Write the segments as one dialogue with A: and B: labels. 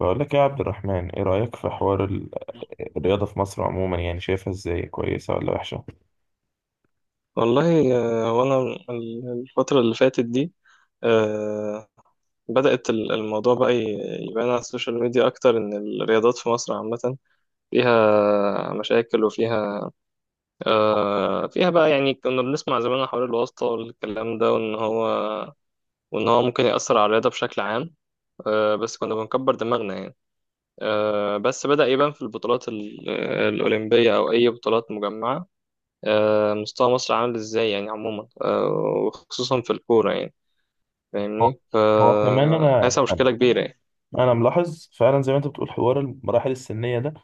A: بقول لك يا عبد الرحمن، ايه رأيك في حوار الرياضة في مصر عموما؟ يعني شايفها ازاي، كويسة ولا وحشة؟
B: والله، وانا الفترة اللي فاتت دي، آه، بدأت الموضوع بقى يبان على السوشيال ميديا أكتر إن الرياضات في مصر عامة فيها مشاكل وفيها، فيها بقى يعني كنا بنسمع زمان عن حوار الواسطة والكلام ده وإن هو ممكن يأثر على الرياضة بشكل عام. بس كنا بنكبر دماغنا يعني. بس بدأ يبان في البطولات الأولمبية أو أي بطولات مجمعة. مستوى مصر عامل إزاي يعني عموما، وخصوصا في الكورة يعني،
A: هو
B: فاهمني؟
A: هو كمان انا
B: فهيحصل مشكلة كبيرة يعني.
A: انا ملاحظ فعلا زي ما انت بتقول حوار المراحل السنية ده.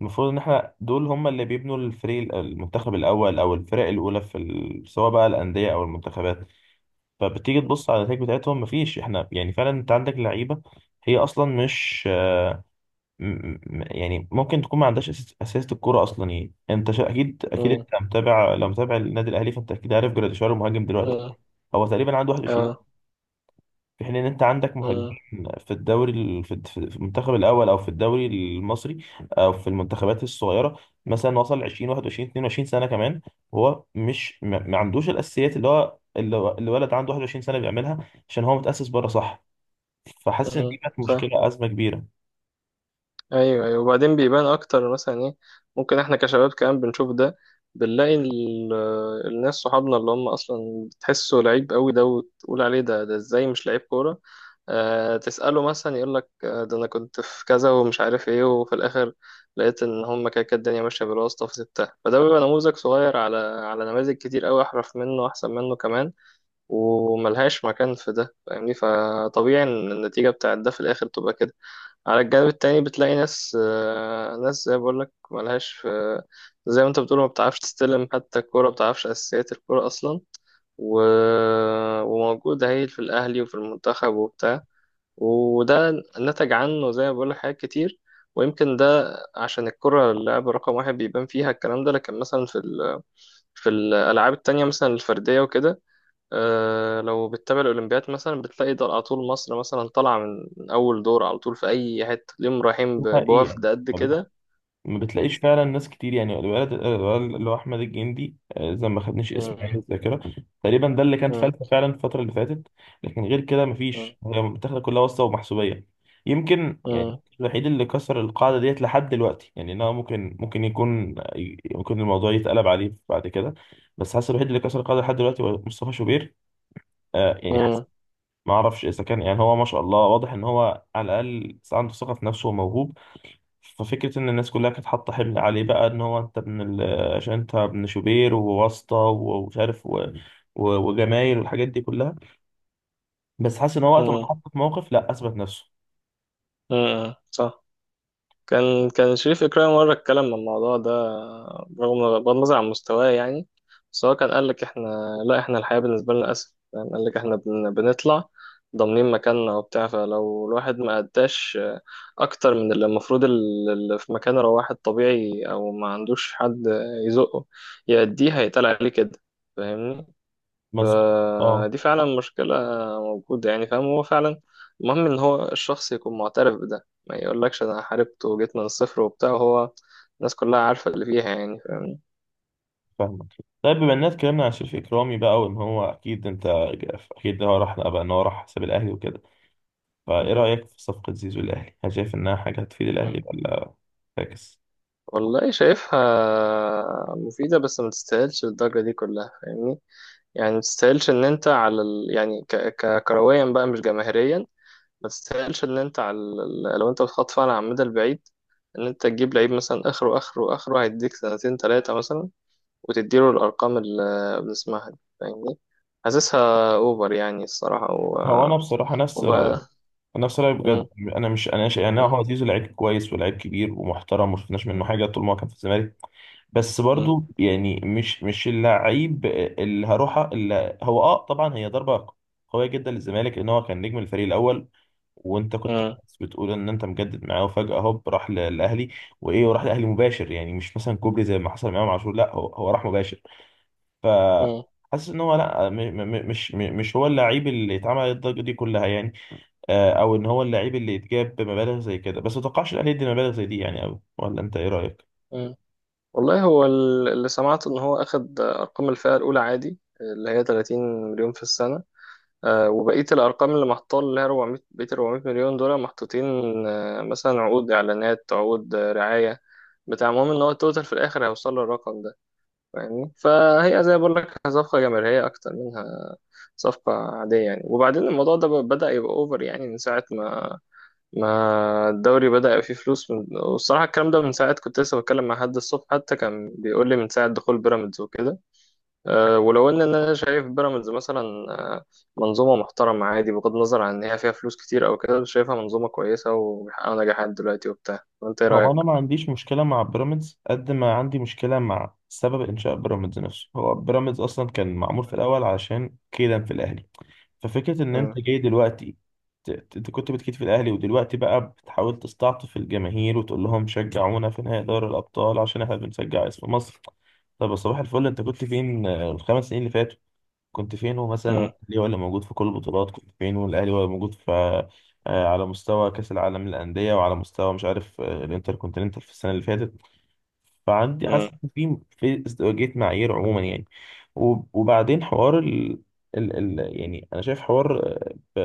A: المفروض ان احنا دول هم اللي بيبنوا الفريق المنتخب الاول او الفرق الاولى سواء بقى الأندية او المنتخبات. فبتيجي
B: مم.
A: تبص على النتائج بتاعتهم، مفيش، احنا يعني فعلا انت عندك لعيبة هي اصلا مش، م- يعني ممكن تكون ما عندهاش اساسة الكوره اصلا. يعني اكيد اكيد
B: مم.
A: انت متابع، لو متابع النادي الاهلي فانت اكيد عارف جراديشار المهاجم دلوقتي.
B: مم.
A: هو تقريبا عنده 21.
B: اه.
A: في حين ان انت عندك مهاجمين
B: مم.
A: في في المنتخب الاول او في الدوري المصري او في المنتخبات الصغيره مثلا وصل 20 21 22 سنه كمان، وهو مش ما عندوش الاساسيات اللي اللي ولد عنده 21 سنه بيعملها، عشان هو متاسس بره. صح. فحاسس ان
B: مم.
A: دي كانت
B: ف
A: مشكله، ازمه كبيره.
B: ايوه، ايوه، وبعدين بيبان اكتر مثلا ايه ممكن احنا كشباب كمان بنشوف ده. بنلاقي الناس صحابنا اللي هم اصلا بتحسه لعيب قوي ده، وتقول عليه ده ازاي مش لعيب كوره. آه، تساله مثلا يقول لك آه ده انا كنت في كذا ومش عارف ايه، وفي الاخر لقيت ان هم كده كده الدنيا ماشيه بالواسطه فسبتها، فده بيبقى نموذج صغير على نماذج كتير قوي احرف منه احسن منه كمان، وملهاش مكان في ده، فاهمني؟ فطبيعي ان النتيجة بتاعت ده في الآخر تبقى كده. على الجانب التاني بتلاقي ناس، ناس زي ما بقولك ملهاش في، زي ما انت بتقول ما بتعرفش تستلم حتى الكورة، ما بتعرفش أساسيات الكورة أصلا، و... وموجودة هي في الأهلي وفي المنتخب وبتاع، وده نتج عنه زي ما بقولك حاجات كتير. ويمكن ده عشان الكرة اللعبة رقم واحد بيبان فيها الكلام ده، لكن مثلا في ال... في الألعاب التانية مثلا الفردية وكده، لو بتتابع الأولمبياد مثلا بتلاقي ده على طول مصر مثلا طالعة من أول دور على طول في أي حتة، اليوم رايحين
A: دي حقيقه.
B: بوفد قد كده.
A: ما
B: م-
A: بتلاقيش فعلا ناس كتير، يعني الولد اللي هو احمد الجندي، زي ما خدنيش اسمه يعني في
B: م-
A: الذاكره. تقريبا ده اللي كان
B: م-
A: فلتة فعلا الفتره اللي فاتت. لكن غير كده
B: م-
A: مفيش، هي متاخده كلها واسطه ومحسوبيه. يمكن يعني
B: م-
A: الوحيد اللي كسر القاعده ديت لحد دلوقتي، يعني ان هو ممكن، يكون، ممكن الموضوع يتقلب عليه بعد كده، بس حاسس الوحيد اللي كسر القاعده لحد دلوقتي هو مصطفى شوبير. يعني حاسس،
B: م-
A: ما اعرفش اذا كان، يعني هو ما شاء الله واضح ان هو على الاقل عنده ثقه في نفسه وموهوب. ففكرة إن الناس كلها كانت حاطة حمل عليه بقى إن هو عشان أنت ابن شوبير وواسطة ومش عارف وجمايل والحاجات دي كلها. بس حاسس إن هو وقت ما
B: م-
A: اتحط في موقف، لأ، أثبت نفسه.
B: صح. كان شريف إكرامي مرة اتكلم عن الموضوع ده، رغم بغض النظر عن مستواه يعني، بس هو كان قال لك إحنا، لا إحنا الحياة بالنسبة لنا أسهل يعني. قال لك إحنا بنطلع ضامنين مكاننا وبتاع، فلو الواحد ما أداش أكتر من اللي المفروض، اللي في مكانه لو واحد طبيعي أو ما عندوش حد يزقه يأديه، هيتقال عليه كده، فاهمني؟
A: مظبوط. أه،
B: فدي فعلا مشكلة موجودة يعني، فاهم؟ هو فعلا المهم إن هو الشخص يكون معترف بده، ما يقولكش أنا حاربت وجيت من الصفر وبتاع. هو الناس كلها عارفة اللي فيها يعني، فاهم؟
A: فاهمك. طيب، بما إننا اتكلمنا عن شريف إكرامي بقى وإن هو أكيد أنت، أكيد هو راح بقى، إن هو راح حساب الأهلي وكده، فإيه
B: مم.
A: رأيك في صفقة زيزو الأهلي؟ هل شايف إنها حاجة هتفيد
B: مم.
A: الأهلي ولا فاكس؟
B: والله شايفها مفيدة، بس ما تستاهلش الضجة دي كلها، فاهمني؟ يعني ما تستاهلش إن أنت على ال... يعني كرويا بقى مش جماهيريا، ما تستاهلش إن أنت على ال... لو أنت بتخطف على المدى البعيد إن أنت تجيب لعيب مثلا آخره آخره آخره هيديك سنتين تلاتة مثلا، وتديله الأرقام اللي بنسمعها دي، فاهمني؟ حاسسها أوفر يعني الصراحة و...
A: هو أنا بصراحة نفس
B: وبقى.
A: رأيك، نفس رأيي
B: مم.
A: بجد. انا مش، انا شايف يعني
B: مم.
A: هو زيزو لعيب كويس ولاعيب كبير ومحترم، وما شفناش منه
B: مم.
A: حاجه طول ما هو كان في الزمالك. بس برضو يعني مش اللعيب اللي هروح، اللي هو طبعا. هي ضربه قويه جدا للزمالك لان هو كان نجم الفريق الاول، وانت كنت
B: مم.
A: بتقول ان انت مجدد معاه، وفجاه هوب راح للاهلي. وايه، وراح للاهلي مباشر، يعني مش مثلا كوبري زي ما حصل معاه مع امام عاشور، لا هو هو راح مباشر. ف
B: مم.
A: حاسس ان هو لا، مش مش هو اللعيب اللي اتعمل الضجه دي كلها يعني. او ان هو اللعيب اللي يتجاب بمبالغ زي كده، بس ما اتوقعش الاهلي يدي مبالغ زي دي يعني قوي، ولا انت ايه رايك؟
B: مم. والله هو اللي سمعته إن هو أخد أرقام الفئة الأولى عادي، اللي هي 30 مليون في السنة، وبقية الأرقام اللي محطوطة اللي هي 400، بقية 400 مليون دول محطوطين مثلا عقود إعلانات، عقود رعاية بتاع المهم إن هو التوتال في الآخر هيوصل للرقم ده، فاهمني؟ فهي زي ما بقول لك صفقة جماهيرية أكتر منها صفقة عادية يعني. وبعدين الموضوع ده بدأ يبقى اوفر يعني من ساعة ما الدوري بدأ يبقى فيه فلوس من... والصراحة الكلام ده من ساعة كنت لسه بتكلم مع حد الصبح حتى، كان بيقول لي من ساعة دخول بيراميدز وكده. أه، ولو ان انا شايف بيراميدز مثلا، آه، منظومة محترمة عادي، بغض النظر عن ان هي فيها فلوس كتير او كده، شايفها منظومة كويسة وبيحققوا نجاحات دلوقتي وبتاع. وانت ايه
A: هو
B: رأيك؟
A: انا ما عنديش مشكله مع بيراميدز قد ما عندي مشكله مع سبب انشاء بيراميدز نفسه. هو بيراميدز اصلا كان معمول في الاول علشان كيدا في الاهلي. ففكره ان
B: مم.
A: انت جاي دلوقتي، انت كنت بتكيد في الاهلي ودلوقتي بقى بتحاول تستعطف الجماهير وتقول لهم شجعونا في نهائي دوري الابطال عشان احنا بنشجع اسم مصر. طب يا صباح الفل، انت كنت فين الخمس سنين اللي فاتوا؟ كنت فين مثلا،
B: مم.
A: الاهلي ولا موجود في كل البطولات، كنت فين والاهلي ولا موجود في آه، على مستوى كاس العالم للانديه، وعلى مستوى مش عارف الانتر كونتيننتال في السنه اللي فاتت. فعندي،
B: مم.
A: حاسس ان في ازدواجية معايير عموما يعني. وبعدين حوار يعني انا شايف حوار،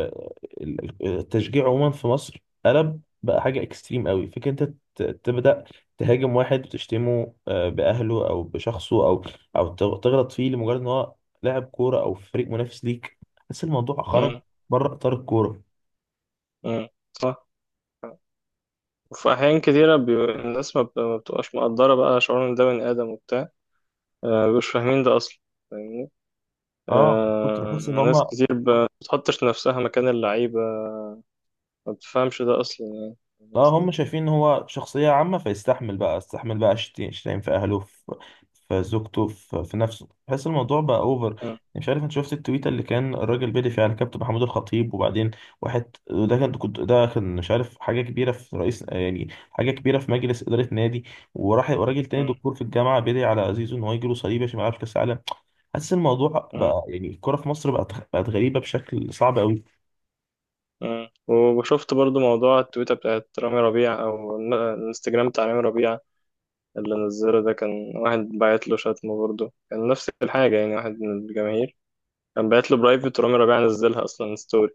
A: التشجيع عموما في مصر قلب بقى حاجة اكستريم قوي. فكرة انت تبدأ تهاجم واحد وتشتمه بأهله او بشخصه، او تغلط فيه لمجرد ان هو لاعب كورة او في فريق منافس ليك. حاسس الموضوع خرج
B: مم.
A: بره اطار الكورة.
B: مم. صح. وفي أحيان كتيرة بي... الناس ما بتبقاش مقدرة بقى شعور إن ده بني آدم وبتاع، مش فاهمين ده أصلا، فاهمني؟
A: اه كنت
B: آه،
A: بحس ان
B: ناس
A: هم،
B: كتير ما بتحطش نفسها مكان اللعيبة، ما بتفهمش ده أصلا يعني، فاهم
A: لا
B: قصدي؟
A: هم شايفين ان هو شخصية عامة فيستحمل بقى، استحمل بقى شتايم في اهله، في زوجته، في نفسه. بحس الموضوع بقى اوفر.
B: مم.
A: مش عارف، انت شفت التويتة اللي كان الراجل بيدي فيها على كابتن محمود الخطيب وبعدين، واحد ده كان، مش عارف، حاجة كبيرة في رئيس، يعني حاجة كبيرة في مجلس إدارة نادي، وراح، وراجل تاني
B: مم.
A: دكتور في الجامعة بيدعي على زيزو ان هو يجيله صليبي عشان ما يلعبش كأس العالم. حاسس الموضوع
B: مم.
A: بقى، يعني الكورة في مصر بقت غريبة بشكل صعب قوي.
B: مم. وشفت برضو موضوع التويتة بتاعت رامي ربيع، أو الانستجرام بتاع رامي ربيع اللي نزله ده. كان واحد باعت له شتمه، برضو كان نفس الحاجة يعني، واحد من الجماهير كان باعت له برايفت ورامي ربيع نزلها أصلا ستوري.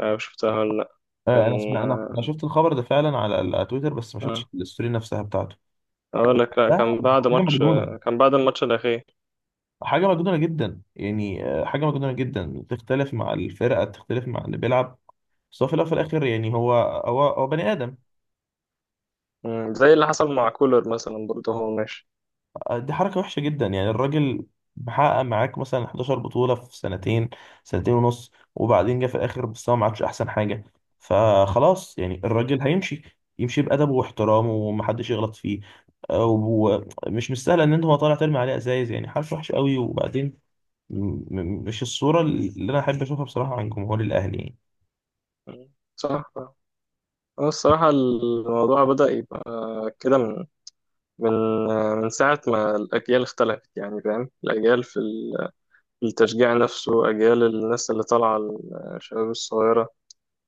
B: أنا شفتها ولا لأ؟
A: انا
B: كان،
A: سمعت، انا شفت الخبر ده فعلا على على تويتر، بس ما
B: آه.
A: شفتش الستوري نفسها بتاعته.
B: أقول لك، لأ
A: ده
B: كان بعد
A: حاجه
B: ماتش،
A: مجنونه،
B: كان بعد الماتش الأخير.
A: حاجه مجنونه جدا يعني. حاجه مجنونه جدا. تختلف مع الفرقه، تختلف مع اللي بيلعب، بس هو في الأول وفي الاخر يعني هو هو بني ادم.
B: مم. زي اللي حصل مع كولر مثلا برضه هو ماشي.
A: دي حركة وحشة جدا يعني. الراجل محقق معاك مثلا 11 بطولة في سنتين، سنتين ونص، وبعدين جه في الآخر مستواه ما عادش أحسن حاجة، فخلاص يعني
B: مم.
A: الراجل هيمشي، يمشي بأدبه واحترامه ومحدش يغلط فيه. ومش مستاهل إن أنت، هو طالع ترمي عليه أزايز، يعني حركة وحشة قوي. وبعدين مش الصورة اللي أنا أحب أشوفها بصراحة عن جمهور الأهلي يعني.
B: مم. صح. هو الصراحة الموضوع بدأ يبقى كده من من ساعة ما الأجيال اختلفت يعني، فاهم؟ الأجيال في ال... في التشجيع نفسه، أجيال الناس اللي طالعة، الشباب الصغيرة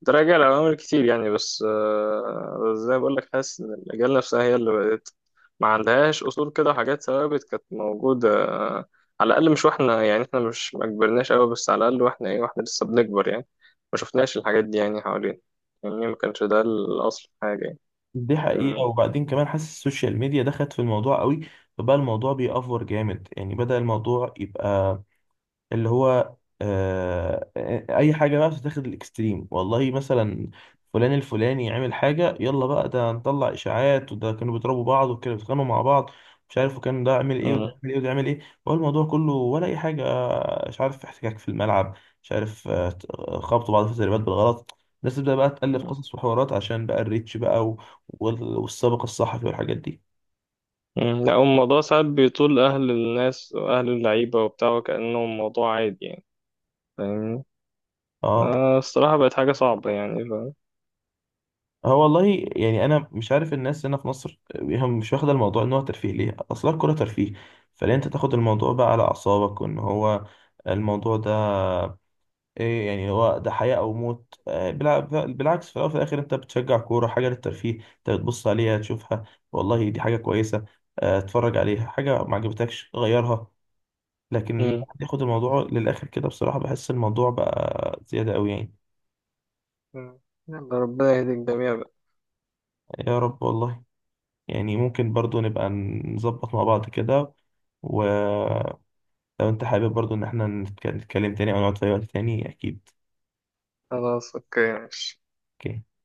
B: تراجع لعوامل كتير يعني، بس بس زي ما بقول لك حاسس ان الاجيال نفسها هي اللي بقت ما عندهاش اصول كده، وحاجات ثوابت كانت موجوده، على الاقل مش واحنا يعني، احنا مش ما كبرناش قوي، بس على الاقل واحنا ايه، واحنا لسه بنكبر يعني، ما شفناش الحاجات دي يعني حوالينا، يعني ما كانش ده الاصل في حاجه يعني،
A: دي حقيقة،
B: فاهمني؟
A: وبعدين كمان حاسس السوشيال ميديا دخلت في الموضوع قوي. فبقى الموضوع بيأفور جامد، يعني بدأ الموضوع يبقى اللي هو، آه اي حاجه بقى بتتاخد الاكستريم. والله، مثلا فلان الفلاني عمل حاجه، يلا بقى ده نطلع اشاعات، وده كانوا بيضربوا بعض، وكانوا بيتخانقوا مع بعض، مش عارف، وكان ده عمل ايه، وده
B: مم.
A: عمل ايه، وده عمل ايه. هو الموضوع كله، ولا اي حاجه، مش عارف، احتكاك في الملعب، مش عارف، خبطوا بعض في التدريبات بالغلط. الناس تبدا بقى تالف
B: مم.
A: قصص وحوارات عشان بقى الريتش بقى، والسابق الصحفي والحاجات دي.
B: مم. لا هو الموضوع ساعات بيطول اهل الناس واهل اللعيبه وبتاع، وكانه الموضوع عادي يعني، فاهمني؟
A: اه
B: آه الصراحه بقت حاجه صعبه يعني،
A: هو والله، يعني انا مش عارف الناس هنا في مصر هم مش واخده الموضوع ان هو ترفيه ليه؟ اصلا الكوره ترفيه، فليه انت تاخد الموضوع بقى على اعصابك، وان هو الموضوع ده ايه يعني، هو ده حياه او موت؟ بالعكس. في الاول وفي الاخر انت بتشجع كوره، حاجه للترفيه، انت بتبص عليها تشوفها، والله دي حاجه كويسه، اتفرج عليها. حاجه ما عجبتكش، غيرها. لكن
B: فاهم؟
A: تاخد الموضوع للاخر كده بصراحه، بحس الموضوع بقى زياده قوي يعني.
B: مم. يلا ربنا يهدي الجميع بقى.
A: يا رب والله. يعني ممكن برضو نبقى نظبط مع بعض كده، ولو انت حابب برضو ان احنا نتكلم تاني او نقعد في اي وقت تاني، اكيد.
B: خلاص اوكي ماشي.
A: اوكي.